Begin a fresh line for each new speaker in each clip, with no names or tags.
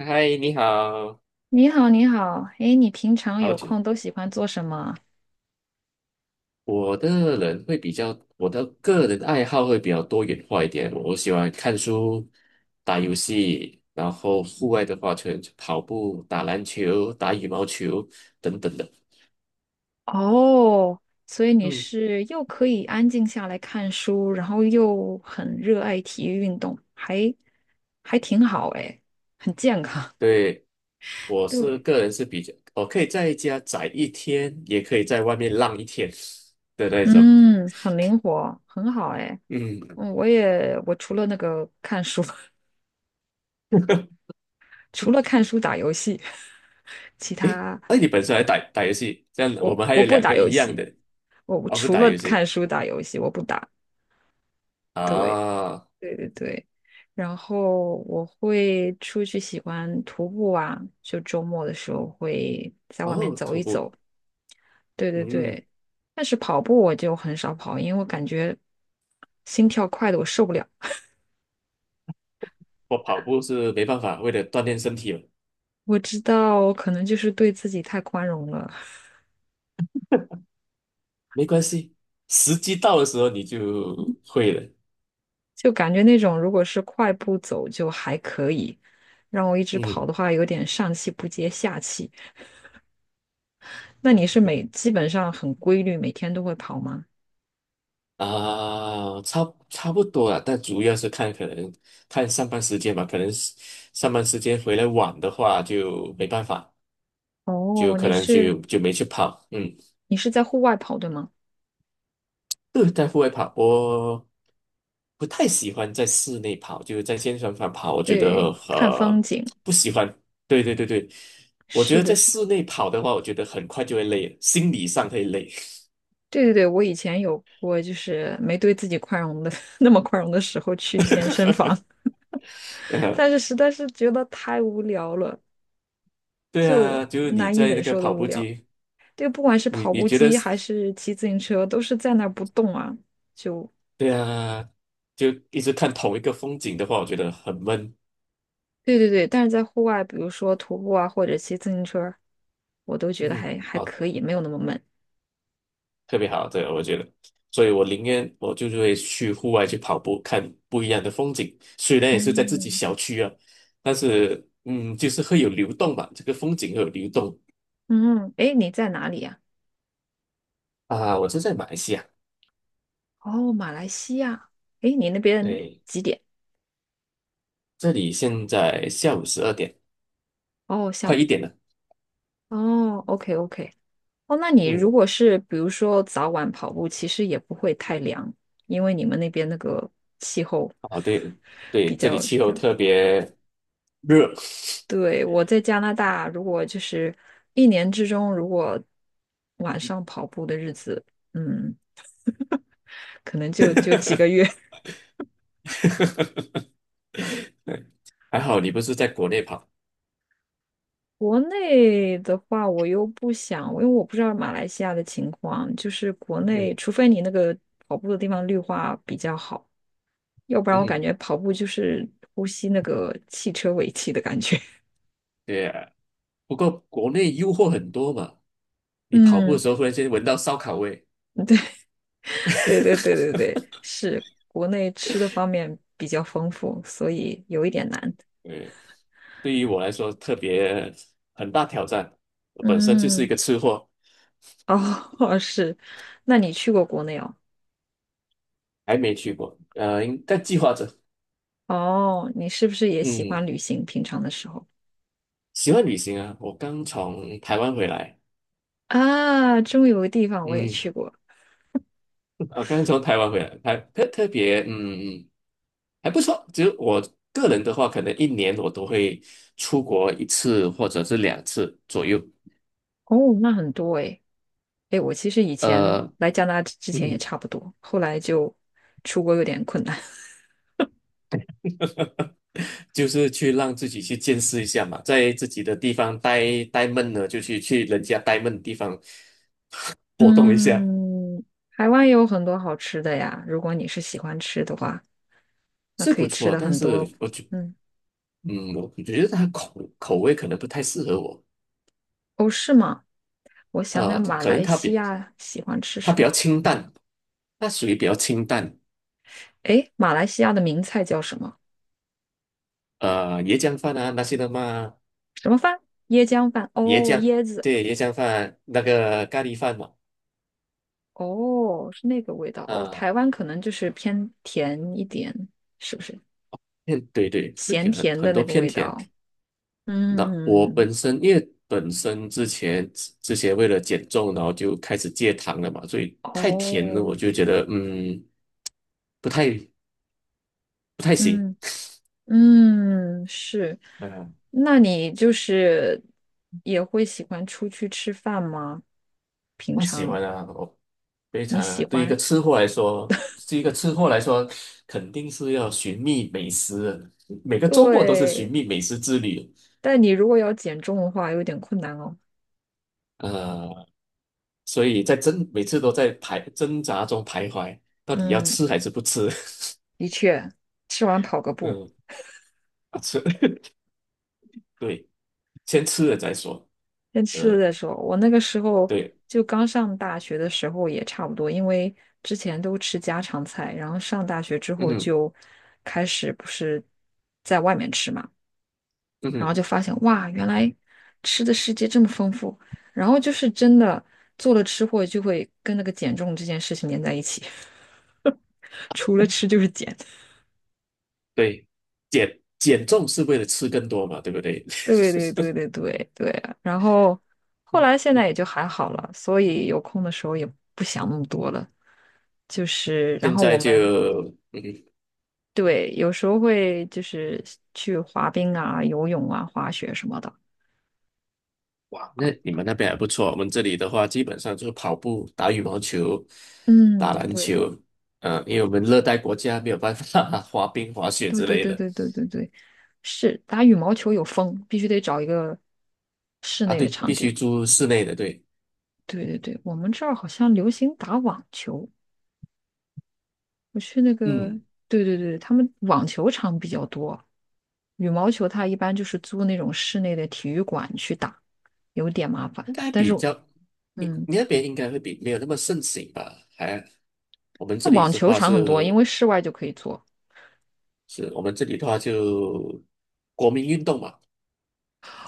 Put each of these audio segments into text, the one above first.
嗨，你好，
你好，你好，哎，你平常
好
有
久。
空都喜欢做什么？
我的个人爱好会比较多元化一点。我喜欢看书、打游戏，然后户外的话，就跑步、打篮球、打羽毛球等等的。
哦，所以你
嗯，
是又可以安静下来看书，然后又很热爱体育运动，还挺好哎，很健康。
对，我是
对，
个人是比较，我可以在家宅一天，也可以在外面浪一天的那种。
嗯，很灵活，很好哎。
嗯，
嗯，我除了那个看书，除了看书打游戏，其他
那你本身还打打游戏，这样我
我
们还
我
有
不
两
打
个
游
一样
戏，
的，
我
哦，不
除
打
了
游
看
戏
书打游戏我不打。对。
啊。
对对对，然后我会出去喜欢徒步啊，就周末的时候会在外面
哦，
走
徒
一走。
步，
对对
嗯，
对，但是跑步我就很少跑，因为我感觉心跳快的我受不了。
我跑步是没办法，为了锻炼身体嘛，
我知道可能就是对自己太宽容了，
没关系，时机到的时候你就会了，
就感觉那种如果是快步走就还可以，让我一直跑
嗯，
的话有点上气不接下气。那你是基本上很规律，每天都会跑吗？
啊，差不多了，但主要是看可能看上班时间吧，可能是上班时间回来晚的话就没办法，就
哦，
可
你
能
是
就没去跑，嗯。
你是在户外跑，对吗？
对，在户外跑，我不太喜欢在室内跑，就是在健身房跑，我觉得
对，看风景。
不喜欢。对对对对，我觉
是
得
的，
在
是的，
室内跑的话，我觉得很快就会累了，心理上会累。
对对对，我以前有过，就是没对自己宽容的 那么宽容的时候去健身房，
呃
但是实在是觉得太无聊了，
对啊，
就
就是你
难以
在
忍
那个
受的
跑
无
步
聊。
机，
就不管是
你
跑
你
步
觉得
机还
是
是骑自行车，都是在那儿不动啊，就
对啊，就一直看同一个风景的话，我觉得很闷。
对对对。但是在户外，比如说徒步啊，或者骑自行车，我都觉得
嗯，
还
好。
可以，没有那么闷。
特别好，对，我觉得，所以我宁愿我就是会去户外去跑步，看不一样的风景。虽然也是在自己
嗯
小区啊，但是就是会有流动吧，这个风景会有流动
嗯，哎，你在哪里呀？
啊。我是在马来西亚，
哦，马来西亚，诶，你那边
对，
几点？
这里现在下午12点，
哦，下
快
午。
一点了。
哦，OK OK。哦，那你如
嗯，
果是比如说早晚跑步，其实也不会太凉，因为你们那边那个气候
啊，对
比
对，这里
较比
气候
较。
特别热，
对，我在加拿大，如果就是一年之中，如果晚上跑步的日子，嗯，可能就几个月。
还好你不是在国内跑。
国内的话，我又不想，因为我不知道马来西亚的情况，就是国内，
嗯
除非你那个跑步的地方绿化比较好，要不然我感
嗯，
觉跑步就是呼吸那个汽车尾气的感觉。
对啊，不过国内诱惑很多嘛。你跑步的
嗯，
时候忽然间闻到烧烤味，
对对对 对对，是国内吃的方面比较丰富，所以有一点难。
对，对于我来说特别很大挑战。我本身就是一
嗯，
个吃货，
哦，是，那你去过国内哦？
还没去过，应该计划着。
哦，你是不是也喜
嗯，
欢旅行？平常的时候
喜欢旅行啊，我刚从台湾回来，
啊，终于有个地方我也
嗯，
去过。
还特别，嗯，还不错。只有我个人的话，可能一年我都会出国一次或者是两次左右。
哦，那很多诶。诶，我其实以前
呃，
来加拿大之前也
嗯，
差不多，后来就出国有点困难。
就是去让自己去见识一下嘛，在自己的地方呆闷了，就去人家呆闷的地方 活动一下，
嗯，台湾也有很多好吃的呀，如果你是喜欢吃的话，那
是
可
不
以吃
错。
的
但
很多。
是
嗯，
我觉得它口味可能不太适合我，
哦，是吗？我想
啊，
想，马
可能
来西亚喜欢吃
它
什
比
么？
较清淡，它属于比较清淡，
诶，马来西亚的名菜叫什么？
椰浆饭啊那些的嘛，
什么饭？椰浆饭。哦，
椰浆，
椰子。
对，椰浆饭那个咖喱饭嘛，
哦，是那个味道。哦，
啊、
台湾可能就是偏甜一点，是不是？
偏对对，会
咸
偏很
甜的
很多
那个
偏
味
甜，
道。
那我
嗯，
本身因为本身之前为了减重，然后就开始戒糖了嘛，所以太甜了，
哦，
我就觉得不太不太行，
嗯嗯，是。
嗯，
那你就是也会喜欢出去吃饭吗？
不喜欢啊，我非
你
常啊
喜
对一个
欢？
吃货来说，对一个吃货来说，肯定是要寻觅美食的，每个周末都是寻
对，
觅美食之旅，
但你如果要减重的话，有点困难哦。
呃，所以每次都在挣扎中徘徊，到底要
嗯，
吃还是不吃？
的确，吃完跑个步，
嗯，啊吃，对，先吃了再说。
先吃了
呃，
再说。我那个时候
对，
就刚上大学的时候也差不多，因为之前都吃家常菜，然后上大学之
嗯
后
哼
就开始不是在外面吃嘛。
嗯
然后
哼
就发现哇，原来吃的世界这么丰富。然后就是真的做了吃货，就会跟那个减重这件事情连在一起，除了吃就是减。
对，减重是为了吃更多嘛，对不对？
对对对 对对对啊。然后后
嗯
来现
嗯
在也就还好了，所以有空的时候也不想那么
嗯
多了。就是，然
现
后
在
我
就，
们
嗯，
对有时候会就是去滑冰啊、游泳啊、滑雪什么的。
哇，那你们那边还不错。我们这里的话，基本上就是跑步、打羽毛球、
嗯，
打篮
对。
球，因为我们热带国家没有办法 滑冰、滑雪
对
之
对
类
对
的
对对对对，是打羽毛球有风，必须得找一个室
啊。
内的
对，
场
必须
地。
住室内的，对，
对对对，我们这儿好像流行打网球，我去那个，
嗯，
对对对，他们网球场比较多，羽毛球它一般就是租那种室内的体育馆去打，有点麻烦。
应该
但是，
比较，你
嗯，
你那边应该会比没有那么盛行吧？我们
那
这里
网
的
球
话
场很多，因
是
为室外就可以做。
是我们这里的话就国民运动嘛，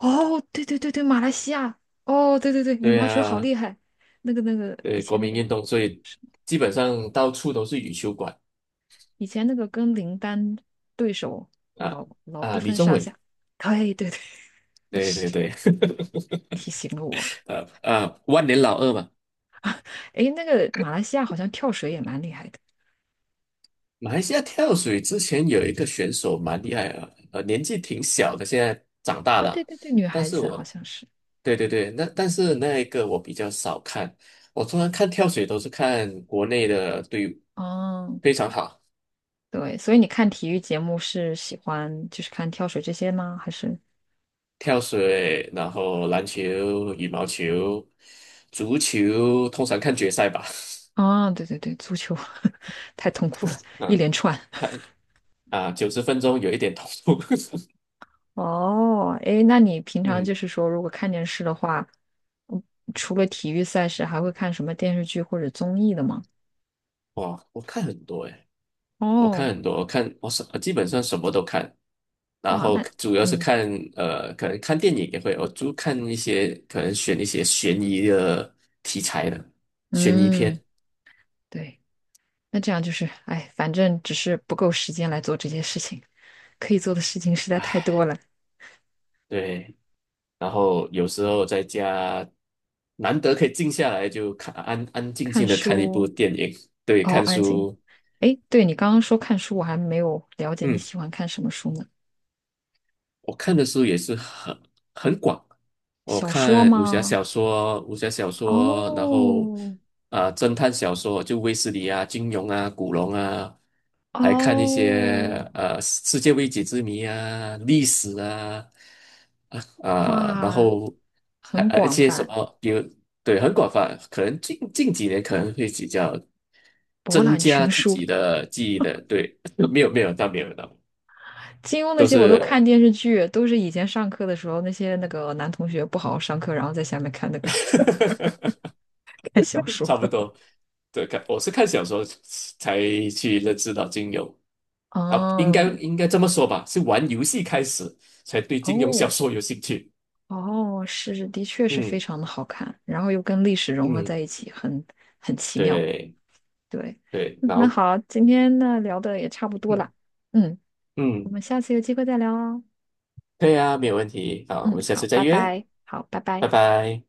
哦，对对对对，马来西亚，哦，对对对，羽
对
毛球好
呀，
厉害，那个那个以
对国
前那
民
个。
运动，所以基本上到处都是羽球馆
以前那个跟林丹对手
啊
老不
啊，李
分
宗
上
伟，
下，对对对，
对对
是
对，
提醒了我。
万年老二嘛。
诶，那个马来西亚好像跳水也蛮厉害的
马来西亚跳水之前有一个选手蛮厉害啊，年纪挺小的，现在长大
啊，对
了，
对对，女
但
孩
是
子好
我，
像是。
对对对，那但是那一个我比较少看，我通常看跳水都是看国内的队伍，
哦，
非常好。
对，所以你看体育节目是喜欢就是看跳水这些吗？还是？
跳水，然后篮球、羽毛球、足球，通常看决赛吧。
啊，对对对，足球 太痛苦了，一
嗯，
连串。
看啊，90分钟有一点投入。
哦，哎，那你平 常就
嗯，
是说，如果看电视的话，嗯除了体育赛事，还会看什么电视剧或者综艺的吗？
哇，我看很多诶，
哦。
我看我什基本上什么都看，然
哇，
后
那
主要是
嗯
看可能看电影也会，我就看一些可能选一些悬疑的题材的悬疑
嗯，
片。
对，那这样就是，哎，反正只是不够时间来做这些事情，可以做的事情实在太多了。
对，然后有时候在家难得可以静下来，就看安安静
看
静的看一部
书，
电影，对，
哦，
看
安静。
书，
哎，对，你刚刚说看书，我还没有了解你
嗯。
喜欢看什么书呢？
我看的书也是很广，我
小说
看
吗？
武侠小说，然后
哦
啊、侦探小说，就卫斯理啊、金庸啊、古龙啊，还看一
哦，
些世界未解之谜啊、历史啊啊啊然
哇，
后还
很
还一
广
些什
泛，
么，对很广泛，可能近几年可能会比较
博
增
览
加
群
自
书。
己的记忆的，对，没有没有，到没有是，呵呵
金庸那
都
些我都
是
看电视剧，都是以前上课的时候那些那个男同学不好好上课，然后在下面看那个 看小说。
差不多。对，看我是看小说才去认识到金庸啊，应该
嗯，
应该这么说吧，是玩游戏开始才对金庸小
哦，
说有兴趣。
哦，是，的确是非
嗯
常的好看，然后又跟历史融合
嗯，
在一起，很奇妙。
对
对，
对，
嗯那好，今天呢聊的也差不多
嗯
了，嗯，我
嗯，
们下次有机会再聊哦。
对啊，没有问题。好，我
嗯，
们下
好，
次再
拜
约，
拜，好，拜
拜
拜。
拜。